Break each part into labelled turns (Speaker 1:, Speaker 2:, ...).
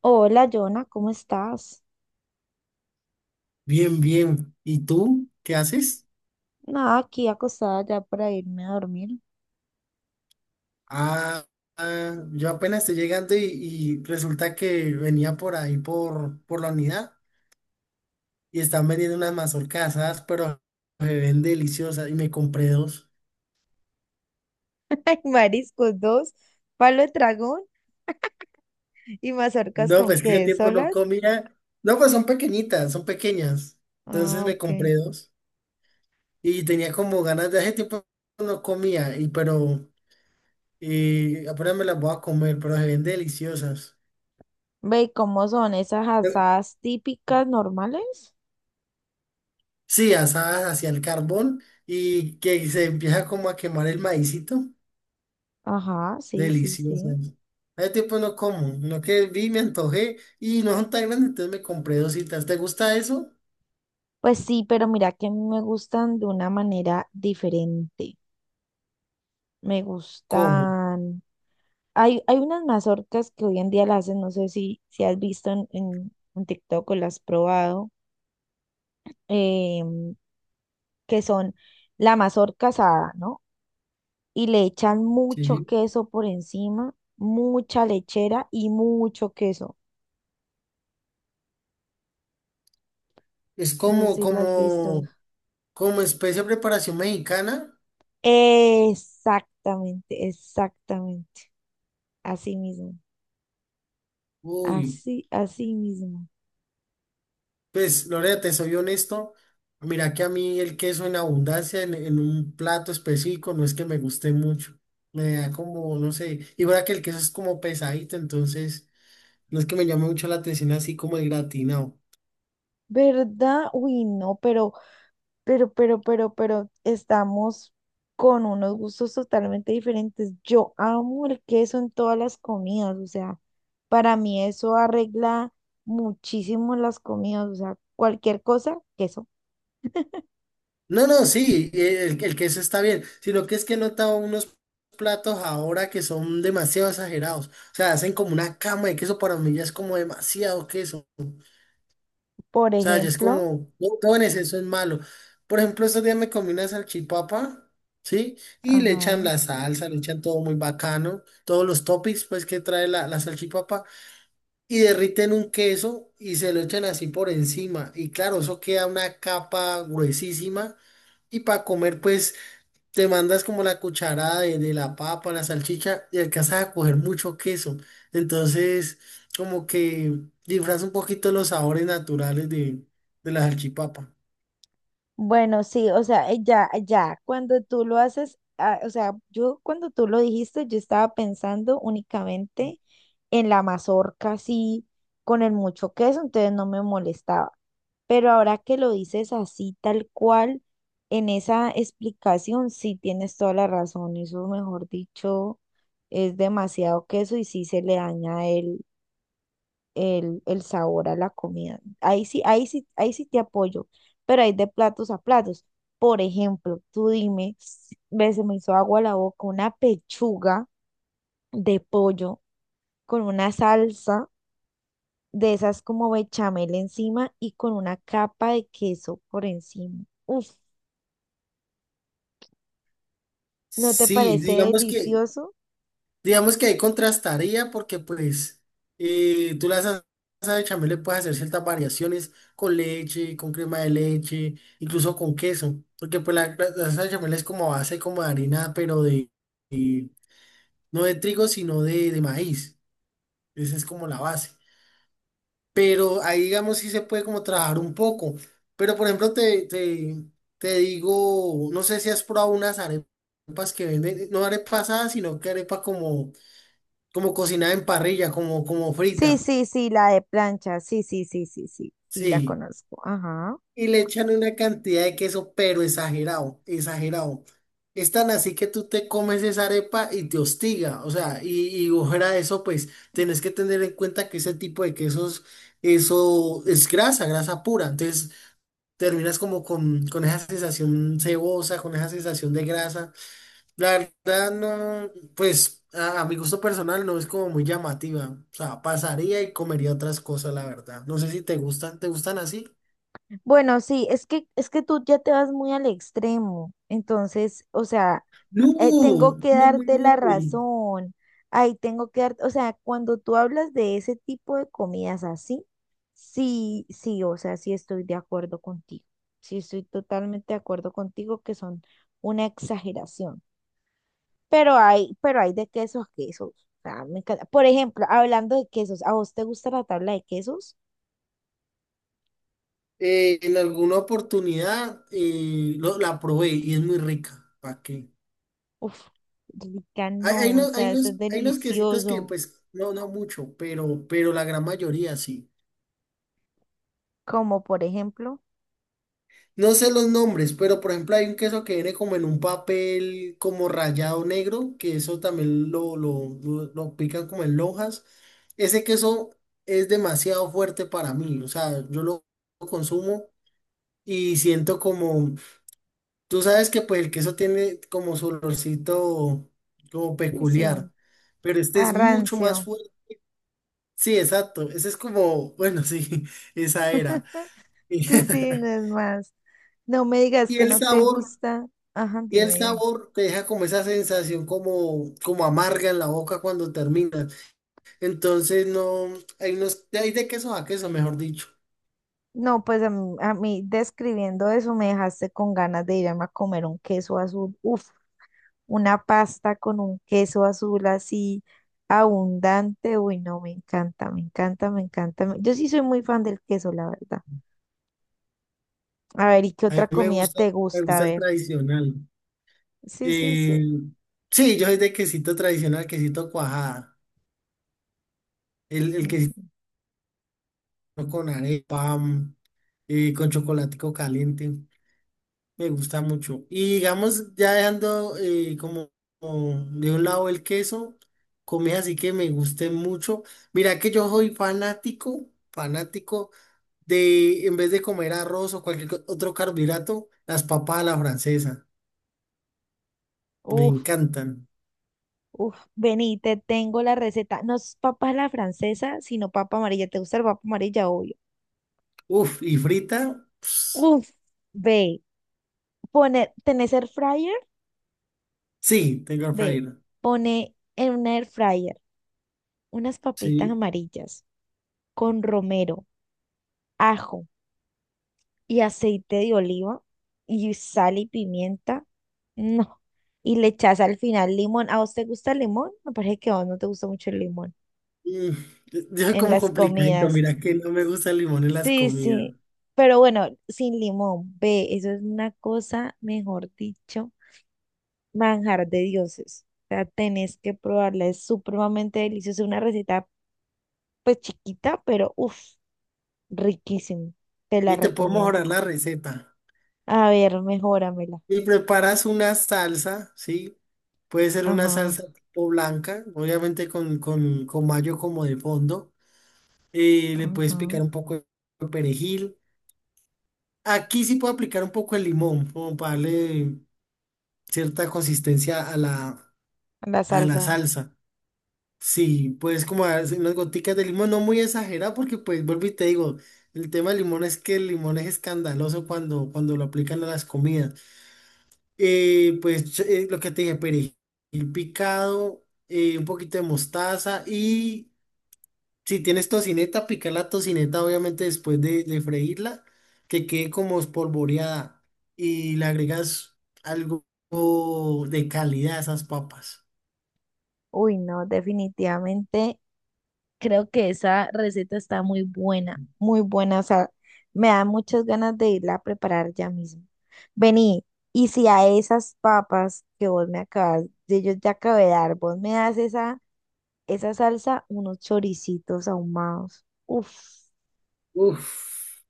Speaker 1: Hola, Jonah, ¿cómo estás?
Speaker 2: Bien, bien. ¿Y tú qué haces?
Speaker 1: Nada, aquí acostada ya para irme a dormir.
Speaker 2: Ah, ah, yo apenas estoy llegando y resulta que venía por ahí por la unidad y están vendiendo unas mazorcas asadas, pero se ven deliciosas y me compré dos.
Speaker 1: Ay, mariscos dos, palo de dragón y mazorcas
Speaker 2: No,
Speaker 1: con
Speaker 2: pues qué
Speaker 1: qué,
Speaker 2: tiempo no
Speaker 1: ¿solas?
Speaker 2: comía. No, pues son pequeñitas, son pequeñas. Entonces
Speaker 1: Ah,
Speaker 2: me
Speaker 1: ok.
Speaker 2: compré dos y tenía como ganas de hace tiempo no comía, y pero apenas me las voy a comer, pero se ven deliciosas.
Speaker 1: Ve, ¿cómo son esas asadas típicas normales?
Speaker 2: Sí, asadas hacia el carbón y que se empieza como a quemar el maicito.
Speaker 1: Ajá, sí, sí,
Speaker 2: Delicioso
Speaker 1: sí.
Speaker 2: eso. Hace tiempo no como, no que vi, me antojé y no son tan grandes, entonces me compré dos dositas. ¿Te gusta eso?
Speaker 1: Pues sí, pero mira que a mí me gustan de una manera diferente. Me
Speaker 2: Como.
Speaker 1: gustan. Hay unas mazorcas que hoy en día las hacen, no sé si has visto en TikTok o las has probado. eh, que son la mazorca asada, ¿no? Y le echan mucho
Speaker 2: Sí.
Speaker 1: queso por encima, mucha lechera y mucho queso.
Speaker 2: Es
Speaker 1: No sé si las has visto.
Speaker 2: como especie de preparación mexicana.
Speaker 1: Exactamente, exactamente. Así mismo,
Speaker 2: Uy,
Speaker 1: así, así mismo.
Speaker 2: pues Lorena, te soy honesto. Mira que a mí el queso en abundancia en un plato específico no es que me guste mucho. Me da como, no sé, y ahora que el queso es como pesadito, entonces no es que me llame mucho la atención así como el gratinado.
Speaker 1: ¿Verdad? Uy, no, pero pero estamos con unos gustos totalmente diferentes. Yo amo el queso en todas las comidas, o sea, para mí eso arregla muchísimo las comidas, o sea, cualquier cosa, queso.
Speaker 2: No, no, sí, el queso está bien, sino que es que he notado unos platos ahora que son demasiado exagerados. O sea, hacen como una cama de queso, para mí ya es como demasiado queso.
Speaker 1: Por
Speaker 2: O sea, ya es
Speaker 1: ejemplo,
Speaker 2: como, no, todo en exceso es malo. Por ejemplo, estos días me comí una salchipapa, ¿sí? Y le echan
Speaker 1: ajá.
Speaker 2: la salsa, le echan todo muy bacano, todos los toppings pues que trae la salchipapa, y derriten un queso y se lo echan así por encima. Y claro, eso queda una capa gruesísima. Y para comer, pues te mandas como la cucharada de la papa, la salchicha y alcanzas a coger mucho queso. Entonces, como que disfraza un poquito los sabores naturales de la salchipapa.
Speaker 1: Bueno, sí, o sea, cuando tú lo haces, ah, o sea, yo cuando tú lo dijiste, yo estaba pensando únicamente en la mazorca, así, con el mucho queso, entonces no me molestaba. Pero ahora que lo dices así, tal cual, en esa explicación, sí tienes toda la razón, eso, mejor dicho, es demasiado queso y sí se le daña el sabor a la comida. Ahí sí, ahí sí, ahí sí te apoyo, pero hay de platos a platos. Por ejemplo, tú dime, ve, se me hizo agua la boca, una pechuga de pollo con una salsa de esas como bechamel encima y con una capa de queso por encima. Uf, ¿no te
Speaker 2: Sí,
Speaker 1: parece
Speaker 2: digamos que
Speaker 1: delicioso?
Speaker 2: digamos que ahí contrastaría porque pues tú la salsa de chamel le puedes hacer ciertas variaciones con leche, con crema de leche, incluso con queso, porque pues la salsa de chamel es como a base como de harina, pero de- no de trigo, sino de maíz. Esa es como la base. Pero ahí digamos sí se puede como trabajar un poco. Pero por ejemplo te digo, no sé si has probado unas arepas que venden, no arepas asadas, sino que arepa como cocinada en parrilla, como
Speaker 1: Sí,
Speaker 2: frita,
Speaker 1: sí, sí, la de plancha, sí, sí, sí, sí, sí, sí, la
Speaker 2: sí.
Speaker 1: conozco. Ajá.
Speaker 2: Y le echan una cantidad de queso, pero exagerado, exagerado. Es tan así que tú te comes esa arepa y te hostiga, o sea, y fuera de eso, pues tenés que tener en cuenta que ese tipo de quesos, eso es grasa, grasa pura. Entonces terminas como con esa sensación cebosa, con esa sensación de grasa. La verdad no, pues a mi gusto personal no es como muy llamativa. O sea, pasaría y comería otras cosas, la verdad. No sé si te gustan, ¿te gustan así?
Speaker 1: Bueno, sí, es que tú ya te vas muy al extremo. Entonces, o sea,
Speaker 2: No,
Speaker 1: tengo que
Speaker 2: no, muy
Speaker 1: darte
Speaker 2: no.
Speaker 1: la razón. Ahí tengo que dar, o sea, cuando tú hablas de ese tipo de comidas así, sí, sí, o sea, sí estoy de acuerdo contigo. Sí estoy totalmente de acuerdo contigo que son una exageración. Pero hay de quesos a quesos. O sea, me encanta. Por ejemplo, hablando de quesos, ¿a vos te gusta la tabla de quesos?
Speaker 2: En alguna oportunidad la probé y es muy rica. ¿Para qué?
Speaker 1: Uf, rica no, o sea, eso es
Speaker 2: Hay unos quesitos que
Speaker 1: delicioso.
Speaker 2: pues no, no mucho, pero la gran mayoría sí.
Speaker 1: Como por ejemplo,
Speaker 2: No sé los nombres, pero por ejemplo hay un queso que viene como en un papel como rayado negro, que eso también lo pican como en lonjas. Ese queso es demasiado fuerte para mí, o sea, yo lo consumo y siento como, tú sabes que pues el queso tiene como su olorcito como
Speaker 1: sí, sí,
Speaker 2: peculiar, pero este es mucho más
Speaker 1: arrancio.
Speaker 2: fuerte. Sí, exacto, ese es como, bueno, sí, esa era.
Speaker 1: Sí, sí, no es más. No me digas
Speaker 2: Y
Speaker 1: que
Speaker 2: el
Speaker 1: no te
Speaker 2: sabor.
Speaker 1: gusta. Ajá,
Speaker 2: Y el
Speaker 1: dime, dime.
Speaker 2: sabor te deja como esa sensación como, como amarga en la boca cuando terminas. Entonces no, hay unos, hay de queso a queso, mejor dicho.
Speaker 1: No, pues a mí describiendo eso me dejaste con ganas de irme a comer un queso azul. Uf, una pasta con un queso azul así abundante. Uy, no, me encanta, me encanta, me encanta. Yo sí soy muy fan del queso, la verdad. A ver, ¿y qué
Speaker 2: A mí
Speaker 1: otra comida te
Speaker 2: me
Speaker 1: gusta? A
Speaker 2: gusta el
Speaker 1: ver.
Speaker 2: tradicional.
Speaker 1: Sí, sí,
Speaker 2: Eh,
Speaker 1: sí.
Speaker 2: sí, yo soy de quesito tradicional, quesito cuajada. El quesito
Speaker 1: Mm,
Speaker 2: con arepa, mm, con chocolatico caliente. Me gusta mucho. Y digamos, ya dejando como, como de un lado el queso, comida así que me guste mucho. Mira que yo soy fanático, fanático de, en vez de comer arroz o cualquier otro carbohidrato, las papas a la francesa. Me
Speaker 1: uf,
Speaker 2: encantan.
Speaker 1: uf, vení, te tengo la receta. No es papa a la francesa, sino papa amarilla. ¿Te gusta el papa amarilla? Obvio.
Speaker 2: Uf, y frita, ps,
Speaker 1: Uf, ve, pone, ¿tenés air fryer?
Speaker 2: sí, tengo
Speaker 1: Ve,
Speaker 2: frita.
Speaker 1: pone en un air fryer unas papitas
Speaker 2: Sí.
Speaker 1: amarillas con romero, ajo y aceite de oliva y sal y pimienta. No. Y le echas al final limón. ¿A vos te gusta el limón? Me parece que a vos no te gusta mucho el limón
Speaker 2: Mm, yo soy
Speaker 1: en
Speaker 2: como
Speaker 1: las
Speaker 2: complicadito,
Speaker 1: comidas.
Speaker 2: mira que no me gusta el limón en las
Speaker 1: Sí,
Speaker 2: comidas.
Speaker 1: sí, pero bueno, sin limón, ve, eso es una cosa, mejor dicho, manjar de dioses. O sea, tenés que probarla, es supremamente deliciosa, una receta pues chiquita, pero uff, riquísimo. Te la
Speaker 2: Y te puedo mejorar
Speaker 1: recomiendo.
Speaker 2: la receta.
Speaker 1: A ver, mejóramela.
Speaker 2: Y preparas una salsa, ¿sí? Puede ser una
Speaker 1: Ajá,
Speaker 2: salsa tipo blanca, obviamente con mayo como de fondo. Le puedes
Speaker 1: ajá.
Speaker 2: picar un poco de perejil. Aquí sí puedo aplicar un poco de limón, como para darle cierta consistencia a
Speaker 1: La
Speaker 2: a la
Speaker 1: salsa.
Speaker 2: salsa. Sí, puedes como hacer unas goticas de limón, no muy exagerado, porque pues vuelvo y te digo, el tema del limón es que el limón es escandaloso cuando lo aplican a las comidas. Pues lo que te dije, perejil picado, un poquito de mostaza y si tienes tocineta, pica la tocineta obviamente después de freírla, que quede como espolvoreada y le agregas algo de calidad a esas papas.
Speaker 1: Uy, no, definitivamente creo que esa receta está muy buena, muy buena. O sea, me da muchas ganas de irla a preparar ya mismo. Vení, y si a esas papas que vos me acabas, de yo te acabé de dar, vos me das esa, esa salsa, unos choricitos ahumados. Uf,
Speaker 2: Uf,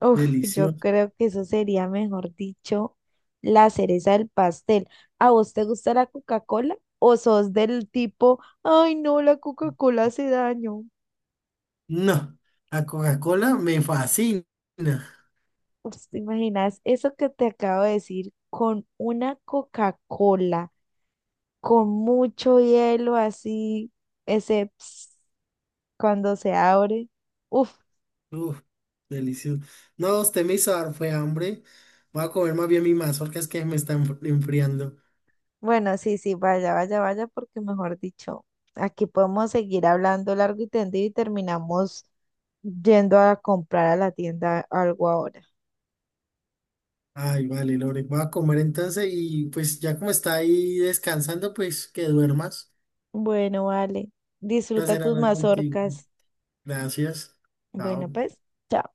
Speaker 1: uf, yo
Speaker 2: delicioso.
Speaker 1: creo que eso sería, mejor dicho, la cereza del pastel. ¿A vos te gusta la Coca-Cola? ¿O sos del tipo, ay no, la Coca-Cola hace daño?
Speaker 2: No, la Coca-Cola me fascina.
Speaker 1: Uf, ¿te imaginas eso que te acabo de decir con una Coca-Cola, con mucho hielo así, ese ps cuando se abre? Uf,
Speaker 2: Uf, delicioso. No, usted me hizo dar fue hambre. Voy a comer más bien mi mazorca, es que me está enfriando.
Speaker 1: bueno, sí, sí, vaya, vaya, vaya, porque mejor dicho, aquí podemos seguir hablando largo y tendido y terminamos yendo a comprar a la tienda algo ahora.
Speaker 2: Ay, vale, Lore, voy a comer entonces y pues ya como está ahí descansando, pues que duermas.
Speaker 1: Bueno, vale,
Speaker 2: Un
Speaker 1: disfruta
Speaker 2: placer
Speaker 1: tus
Speaker 2: hablar contigo.
Speaker 1: mazorcas.
Speaker 2: Gracias.
Speaker 1: Bueno,
Speaker 2: Chao.
Speaker 1: pues, chao.